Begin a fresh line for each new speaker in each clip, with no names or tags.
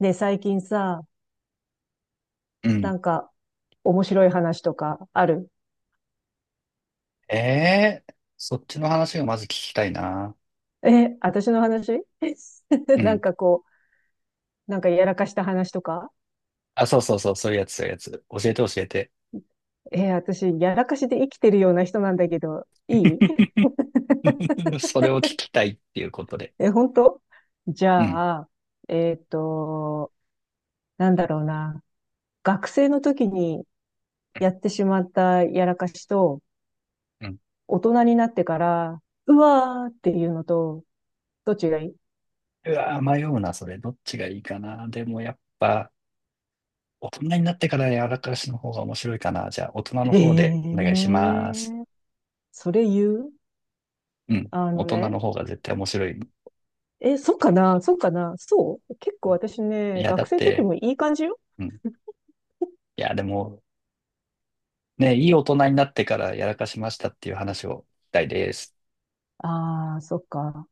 ねえ、最近さ、
う
な
ん。
んか面白い話とかある？
ええーそっちの話がまず聞きたいな。
え、私の話？
う
なん
ん。
かこう、なんかやらかした話とか？
あ、そうそうそう、そういうやつ、そういうやつ。教えて教えて。
え、私、やらかしで生きてるような人なんだけど、いい？
それを聞きたいっていうことで。
え、本当？じ
うん。
ゃあ、えっと、なんだろうな。学生の時にやってしまったやらかしと、
うん。
大人になってから、うわーっていうのと、どっちがいい？
うわー、迷うな、それ。どっちがいいかな。でもやっぱ、大人になってからやらかしの方が面白いかな。じゃあ、大人
え
の
え
方でお願いします。
ー、それ言う？
うん。
あ
大
の
人の
ね。
方が絶対面白い。
え、そうかなそうかな、そう、結構私
い
ね、
や、だ
学
っ
生の時
て、
もいい感じよ。
うん。いや、でも、ね、いい大人になってからやらかしましたっていう話をしたいです。
ああ、そっか。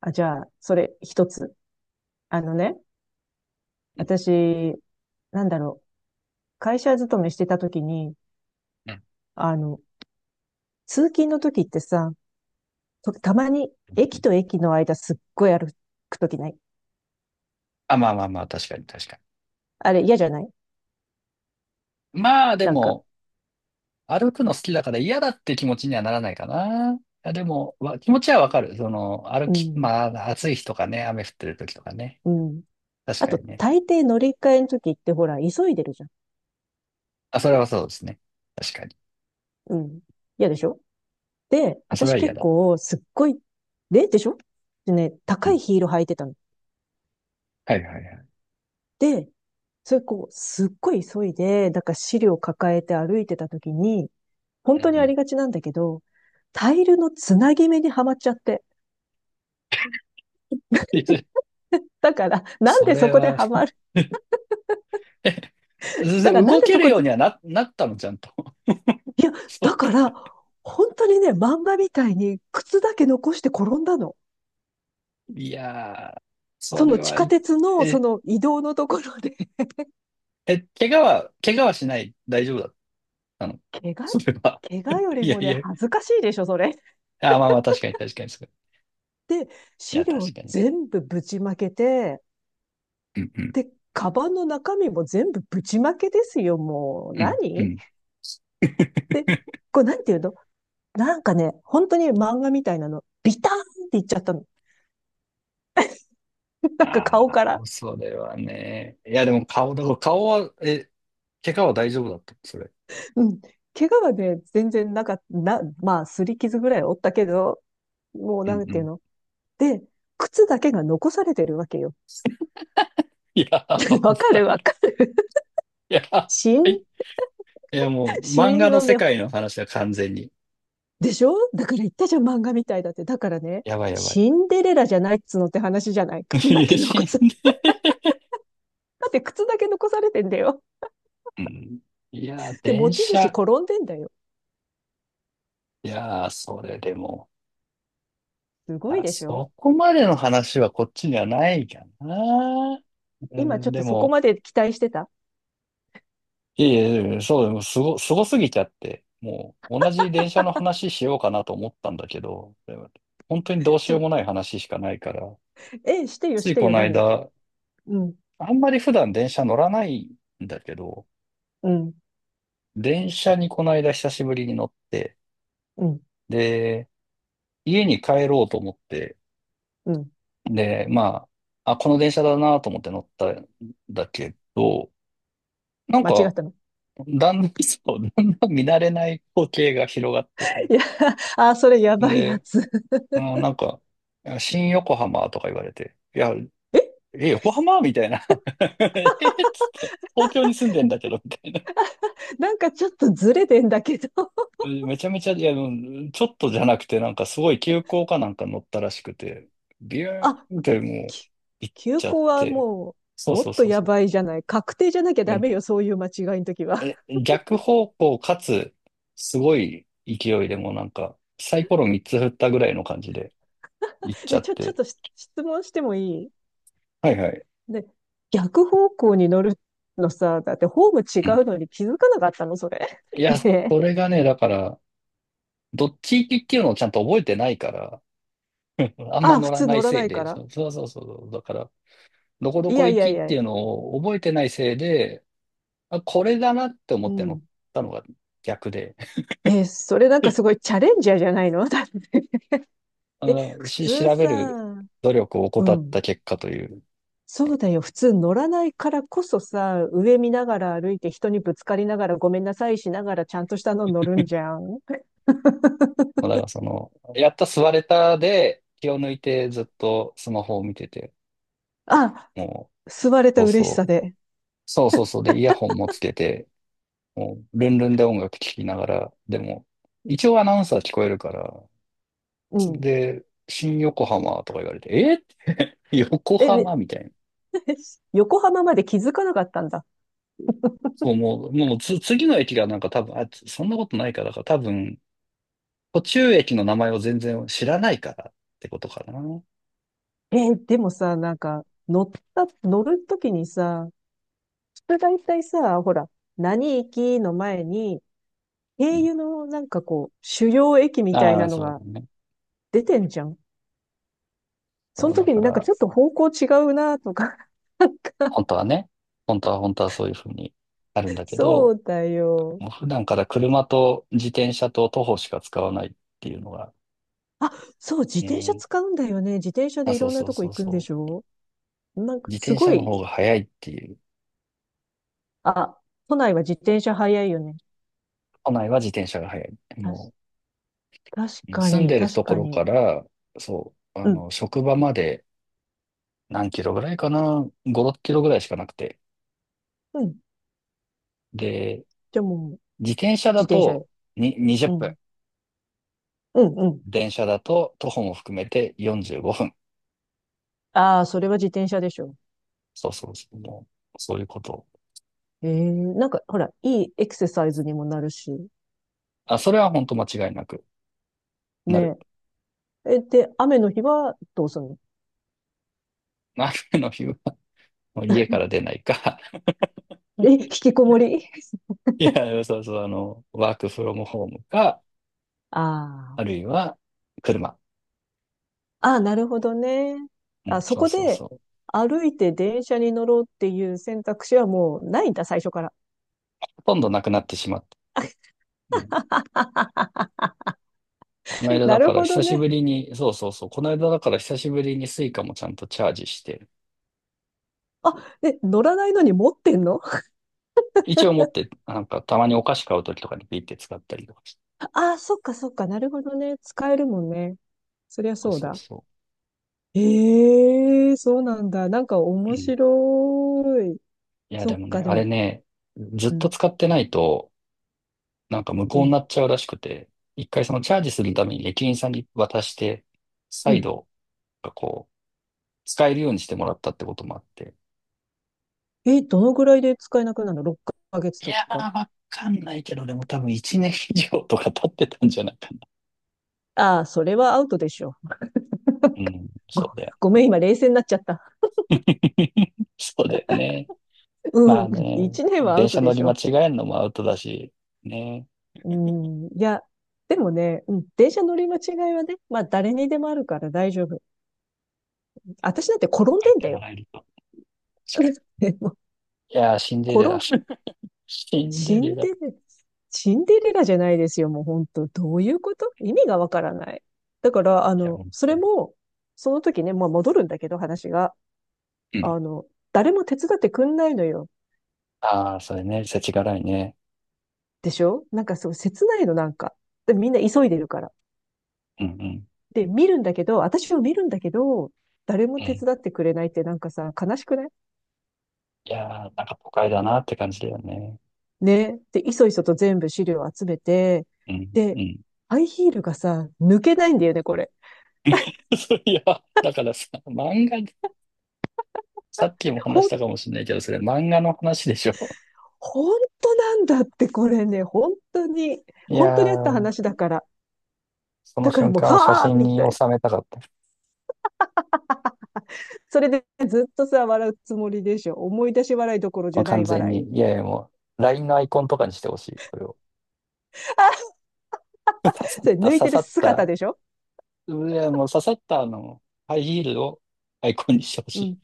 あ、じゃあ、それ一つ。あのね、
うん、
私、なんだろう。会社勤めしてた時に、あの、通勤の時ってさ、たまに駅と駅の間すっごい歩く時ない？
あ、まあまあまあ、確かに確か
あれ嫌じゃない？
に。まあで
なんか、
も、歩くの好きだから嫌だって気持ちにはならないかな。いやでも、わ気持ちはわかる。その、歩
う
き、
ん、
まあ、暑い日とかね、雨降ってる時とかね。
うん。
確
あ
か
と、
にね。
大抵乗り換えの時ってほら、急いでるじゃん。
あ、それはそうですね。確かに。
うん。嫌でしょ？で、
あ、それ
私
は嫌
結
だ。
構すっごい、で、でしょ？でね、
う
高い
ん。
ヒール履いてたの。
はいはいはい。
で、それこう、すっごい急いで、だから資料抱えて歩いてた時に、
う
本
んう
当にあ
ん。
りがちなんだけど、タイルのつなぎ目にはまっちゃって。
いず
だから、なん
そ
でそ
れ
こで
は。
は まる？
全
だ
然
からなん
動
で
け
そ
る
こ
よう
で、
にはなったの、ちゃんと。
いや、
そっ
だか
か。
ら、本当にね、漫画みたいに靴だけ残して転んだの。
いやー、そ
そ
れ
の地
は、
下鉄のそ
え、
の移動のところで。
え、怪我はしない。大丈夫だったの。
怪
それは。
我、怪我より
いや
も
い
ね、
や、
恥ずかしいでしょ、それ。
あ、まあまあ、確かに確かにそう。
で、
い
資
や、
料
確かに。
全部ぶちまけて、
うんうん。
で、カバンの中身も全部ぶちまけですよ、もう。
うんう
何
ん。
で、これなんていうの？なんかね、本当に漫画みたいなの、ビターンっていっちゃったの。なんか
あ
顔
あ、
から。
それはね。いや、でも顔、だから顔は、え、怪我は大丈夫だった、それ。
うん。怪我はね、全然なかった、まあ、擦り傷ぐらいおったけど、もう
う
な
ん
ん
う
ていう
ん。
の？で、靴だけが残されてるわけよ。
いや、
わか
ば
る
い。
わ
い
かる。
やば
死因、
い。いや、もう、
死
漫画
因
の
を
世
ね、
界の話は完全に。
でしょ？だから言ったじゃん、漫画みたいだって。だからね、
やばいやば
シ
い。
ンデレラじゃないっつうのって話じゃない。靴 だ
い
け
や死
残
ん
す。
で。
だって靴だけ残されてんだよ。
うん。いや、
で、持
電
ち主
車。
転んでんだよ。
いや、それでも。
す
い
ごい
や
でしょ？
そこまでの話はこっちにはないかな。う
今
ん、
ちょっ
で
とそこ
も、
まで期待してた？
いえいえ、いえそう、でもすご、すごすぎちゃって、もう同じ電車の話しようかなと思ったんだけど、でも本当にどうし
ち
よ
ょ、
うもない話しかないから、
えしてよ、
つ
し
い
て
こ
よ、
の
何？
間、
うん、
あんまり普段電車乗らないんだけど、
うん、
電車にこの間久しぶりに乗って、
うん、
で、家に帰ろうと思って、
うん。
で、まあ、あ、この電車だなと思って乗ったんだけど、なん
間違っ
か、
たの？
だんだん、そう、だんだん見慣れない光景が広がってて、
いや、あ、それやばいや
で、
つ。
うん、なんか、いや新横浜とか言われて、いや、
え？
え、横浜みたいな。えっつって、東京に住んでんだけど、みたいな。
なんかちょっとずれてんだけど。
めちゃめちゃ、いや、うんちょっとじゃなくて、なんかすごい急行かなんか乗ったらしくて、ビュ
あ、
ーンってもう、
き
行っ
休
ちゃっ
校は
て。
もう、
そう
もっ
そう
と
そう
や
そ
ばいじゃない。確定じゃなきゃ
う。は
ダ
い、
メよ、そういう間違いの時は。
え、逆方向かつ、すごい勢いでもうなんか、サイコロ3つ振ったぐらいの感じで行っちゃ
で、
っ
ちょっ
て。
と質問してもいい？
はいはい。
で、逆方向に乗るのさ、だってホーム
う
違
ん、
うのに気づかなかったの、それ。
いや、
ね
それ
え。
がね、だから、どっち行きっていうのをちゃんと覚えてないから、あんま
あ、
乗
普
ら
通
ない
乗ら
せ
な
い
いか
で、
ら。
そうそうそうそう、だから、どこど
い
こ
やい
行
や
き
い
っ
や、
ていうのを覚えてないせいで、あ、これだなって思
う
って乗っ
ん。
たのが逆で、
え、それなんかすごいチャレンジャーじゃないの？ だって。
あ
え、
の、
普通
調べ
さ、
る努力を怠
う
っ
ん。
た結果という、
そうだよ。普通乗らないからこそさ、上見ながら歩いて人にぶつかりながらごめんなさいしながらちゃんとしたの乗るんじゃん。
だ からその、やった座れたで気を抜いてずっとスマホを見てて、
あ、
もう、
吸われ
そ
た
う
嬉し
そ
さ
う、
で。
そうそうそうで、イヤホンもつけて、もう、ルンルンで音楽聴きながら、でも、一応アナウンサー聞こえるから、
うん。
で、新横浜とか言われて、え、 横
え、ね、
浜みたいな。
横浜まで気づかなかったんだ。
そう、もう、もうつ、次の駅がなんか多分、そんなことないから、だから多分、途中駅の名前を全然知らないからってことかな。う
でもさ、なんか、乗った、乗るときにさ、普通大体さ、ほら、何駅の前に、経
ん。
由のなんかこう、主要駅みたい
あ
な
あ、
の
そう
が
ね。
出てんじゃん。そ
そ
の
う、だ
時
か
になんか
ら、
ちょっと方向違うなとか、なんか、
本当はね、本当はそういうふうにあるんだけ
そ
ど、
うだよ。
もう普段から車と自転車と徒歩しか使わないっていうのが、
あ、そう、自
う
転車
ん。
使うんだよね。自転車
あ、
でい
そう
ろんな
そう
とこ
そ
行
う
くんで
そ
し
う。
ょ？なんか、
自
す
転
ご
車の方が
い、
早いっていう。
あ、都内は自転車早いよね。
都内は自転車が早い。
たし、
もう
確か
住ん
に、
でる
確
とこ
か
ろ
に。
から、そう、あ
うん
の、職場まで何キロぐらいかな ?5、6キロぐらいしかなくて。
うん。
で、
じゃあもう、
自転車
自
だ
転車
と
で。
に20
う
分。
ん。うん、うん。
電車だと徒歩も含めて45分。
ああ、それは自転車でしょ？
そうそうそう。もうそういうこと。
ええなんか、ほら、いいエクササイズにもなるし。
あ、それは本当間違いなくなる。
ねえ。え、で、雨の日はどうするの？
雨の日はもう家から出ないか。
え、引きこもり？
いや、そうそう、あの、ワークフロムホームか、
あ
ある
あ。
いは車。
ああ、なるほどね。
うん、
あ、そ
そう
こ
そう
で、
そう。
歩いて電車に乗ろうっていう選択肢はもうないんだ、最初から。
ほとんどなくなってしまった。うん、 この間だ
なる
から
ほど
久し
ね。
ぶりに、そうそうそう、この間だから久しぶりにスイカもちゃんとチャージして、
あ、え、乗らないのに持ってんの？
一応持って、なんかたまにお菓子買うときとかにピッて使ったりとかして。
ああ、そっかそっか、なるほどね。使えるもんね。そりゃ
そう
そう
そう
だ。
そ
ええ、そうなんだ。なんか
う。う
面
ん。
白い。
いや、
そ
で
っ
もね、
か、で
あれ
も、
ね、ずっ
う
と
ん、
使ってないと、なんか無
う
効にな
ん、
っちゃうらしくて、一回そのチャージするために駅員さんに渡して、
う
再
ん。
度、こう、使えるようにしてもらったってこともあって。
え、どのぐらいで使えなくなるの？ 6 ヶ月
い
と
や
か。
ー、わかんないけど、でも多分1年以上とか経ってたんじゃないかな。
ああ、それはアウトでしょ。
うん、そ
ご、
うだよね。
ごめん、今冷静になっちゃった。
そうだよね。ま
う
あ
ん、
ね、
1年はア
電
ウト
車
で
乗り
し
間
ょ？
違えんのもアウトだし、ね。
うん、いや、でもね、うん、電車乗り間違いはね、まあ誰にでもあるから大丈夫。私だって転ん
言っ
でん
て
だ
も
よ。
らえると。確かに。
でも
いやー、シンデレラ。
転
シンデ
シ
レ
ン
ラ。い
デレラ、シンデレラじゃないですよ。もう本当どういうこと？意味がわからない。だから、
や、う
そ
ん。
れも、その時ね、まあ戻るんだけど、話が。
うん、
あの、誰も手伝ってくんないのよ。
ああ、それね、世知辛いね。
でしょ？なんかそう、切ないの、なんか。で、みんな急いでるから。
うんうん。
で、見るんだけど、私を見るんだけど、誰も
う
手
ん。
伝ってくれないってなんかさ、悲しくない？
いやー、なんか都会だなって感じだよね。
ね。で、いそいそと全部資料を集めて、
うんう
で、
ん。
ハイヒールがさ、抜けないんだよね、これ。
そういや、だからさ、漫画、さっきも話し
本
たかもしれないけど、それ漫画の話でしょ。
本当なんだって、これね、本当に、
いや
本当にあった
ー、
話だから。
その
だから
瞬
もう、
間を写
はあ
真
み
に
たいな。
収めたかった。
それでずっとさ、笑うつもりでしょ。思い出し笑いどころじ
もう
ゃな
完
い
全
笑
に。
い。
いやいや、もう、LINE のアイコンとかにしてほしい。それを。刺さっ
それ
た、
抜い
刺
てる
さっ
姿
た。
でしょ？
いや、もう刺さったあの、ハイヒールをアイコンにしてほし
う
い。
ん。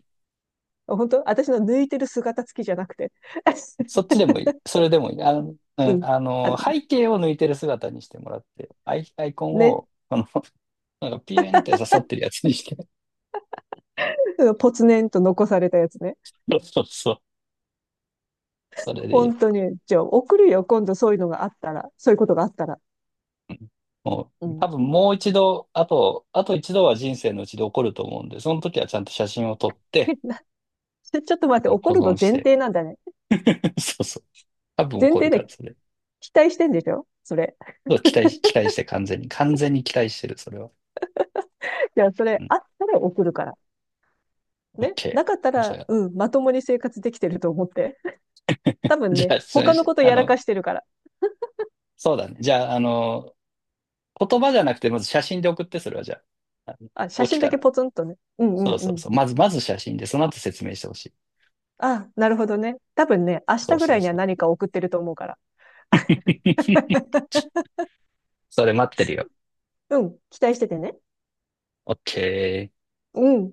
本当私の抜いてる姿付きじゃなくて。
そっちでもいい。それでもいい。あの、う
う
ん、
ん。
あ
あ、
の、背景を抜いてる姿にしてもらって、アイコン
ね。
を、この、なんかピューンって刺さってるやつにして。
うん、ポツネンと残されたやつね。
そうそうそう。それでい
本
い。
当に。じゃあ、送るよ。今度そういうのがあったら。そういうことがあったら。
うん、も
う
う、多
ん。
分もう一度、あと一度は人生のうちで起こると思うんで、その時はちゃんと写真を撮って、
なちょっと待って、
うん
怒
保
る
存
の
し
前
て。
提なんだね。
そうそう。多分起
前
こる
提
から、
で
それ。
期待してんでしょ？それ。
そう期待して完全に、完全に期待してる、それは。
じゃあ、そ
う
れ
ん。
あったら送るから。ね。
OK。
なかった
じ
ら、
ゃあ、
うん、まともに生活できてると思って。多 分
じゃ
ね、
あ、それ、
他のこと
あ
やら
の、
かしてるから。
そうだね。じゃあ、あの、言葉じゃなくて、まず写真で送って、それはじゃあ、あ
あ、写
の起き
真だ
た
け
ら。
ポツンとね。うんう
そう
んう
そう
ん。
そう。まず、まず写真で、その後説明してほしい。
あ、なるほどね。多分ね、明
そ
日
う
ぐ
そ
ら
う
いには
そう。
何か送ってると思うから。
それ待ってるよ。
うん、期待しててね。
OK。
うん。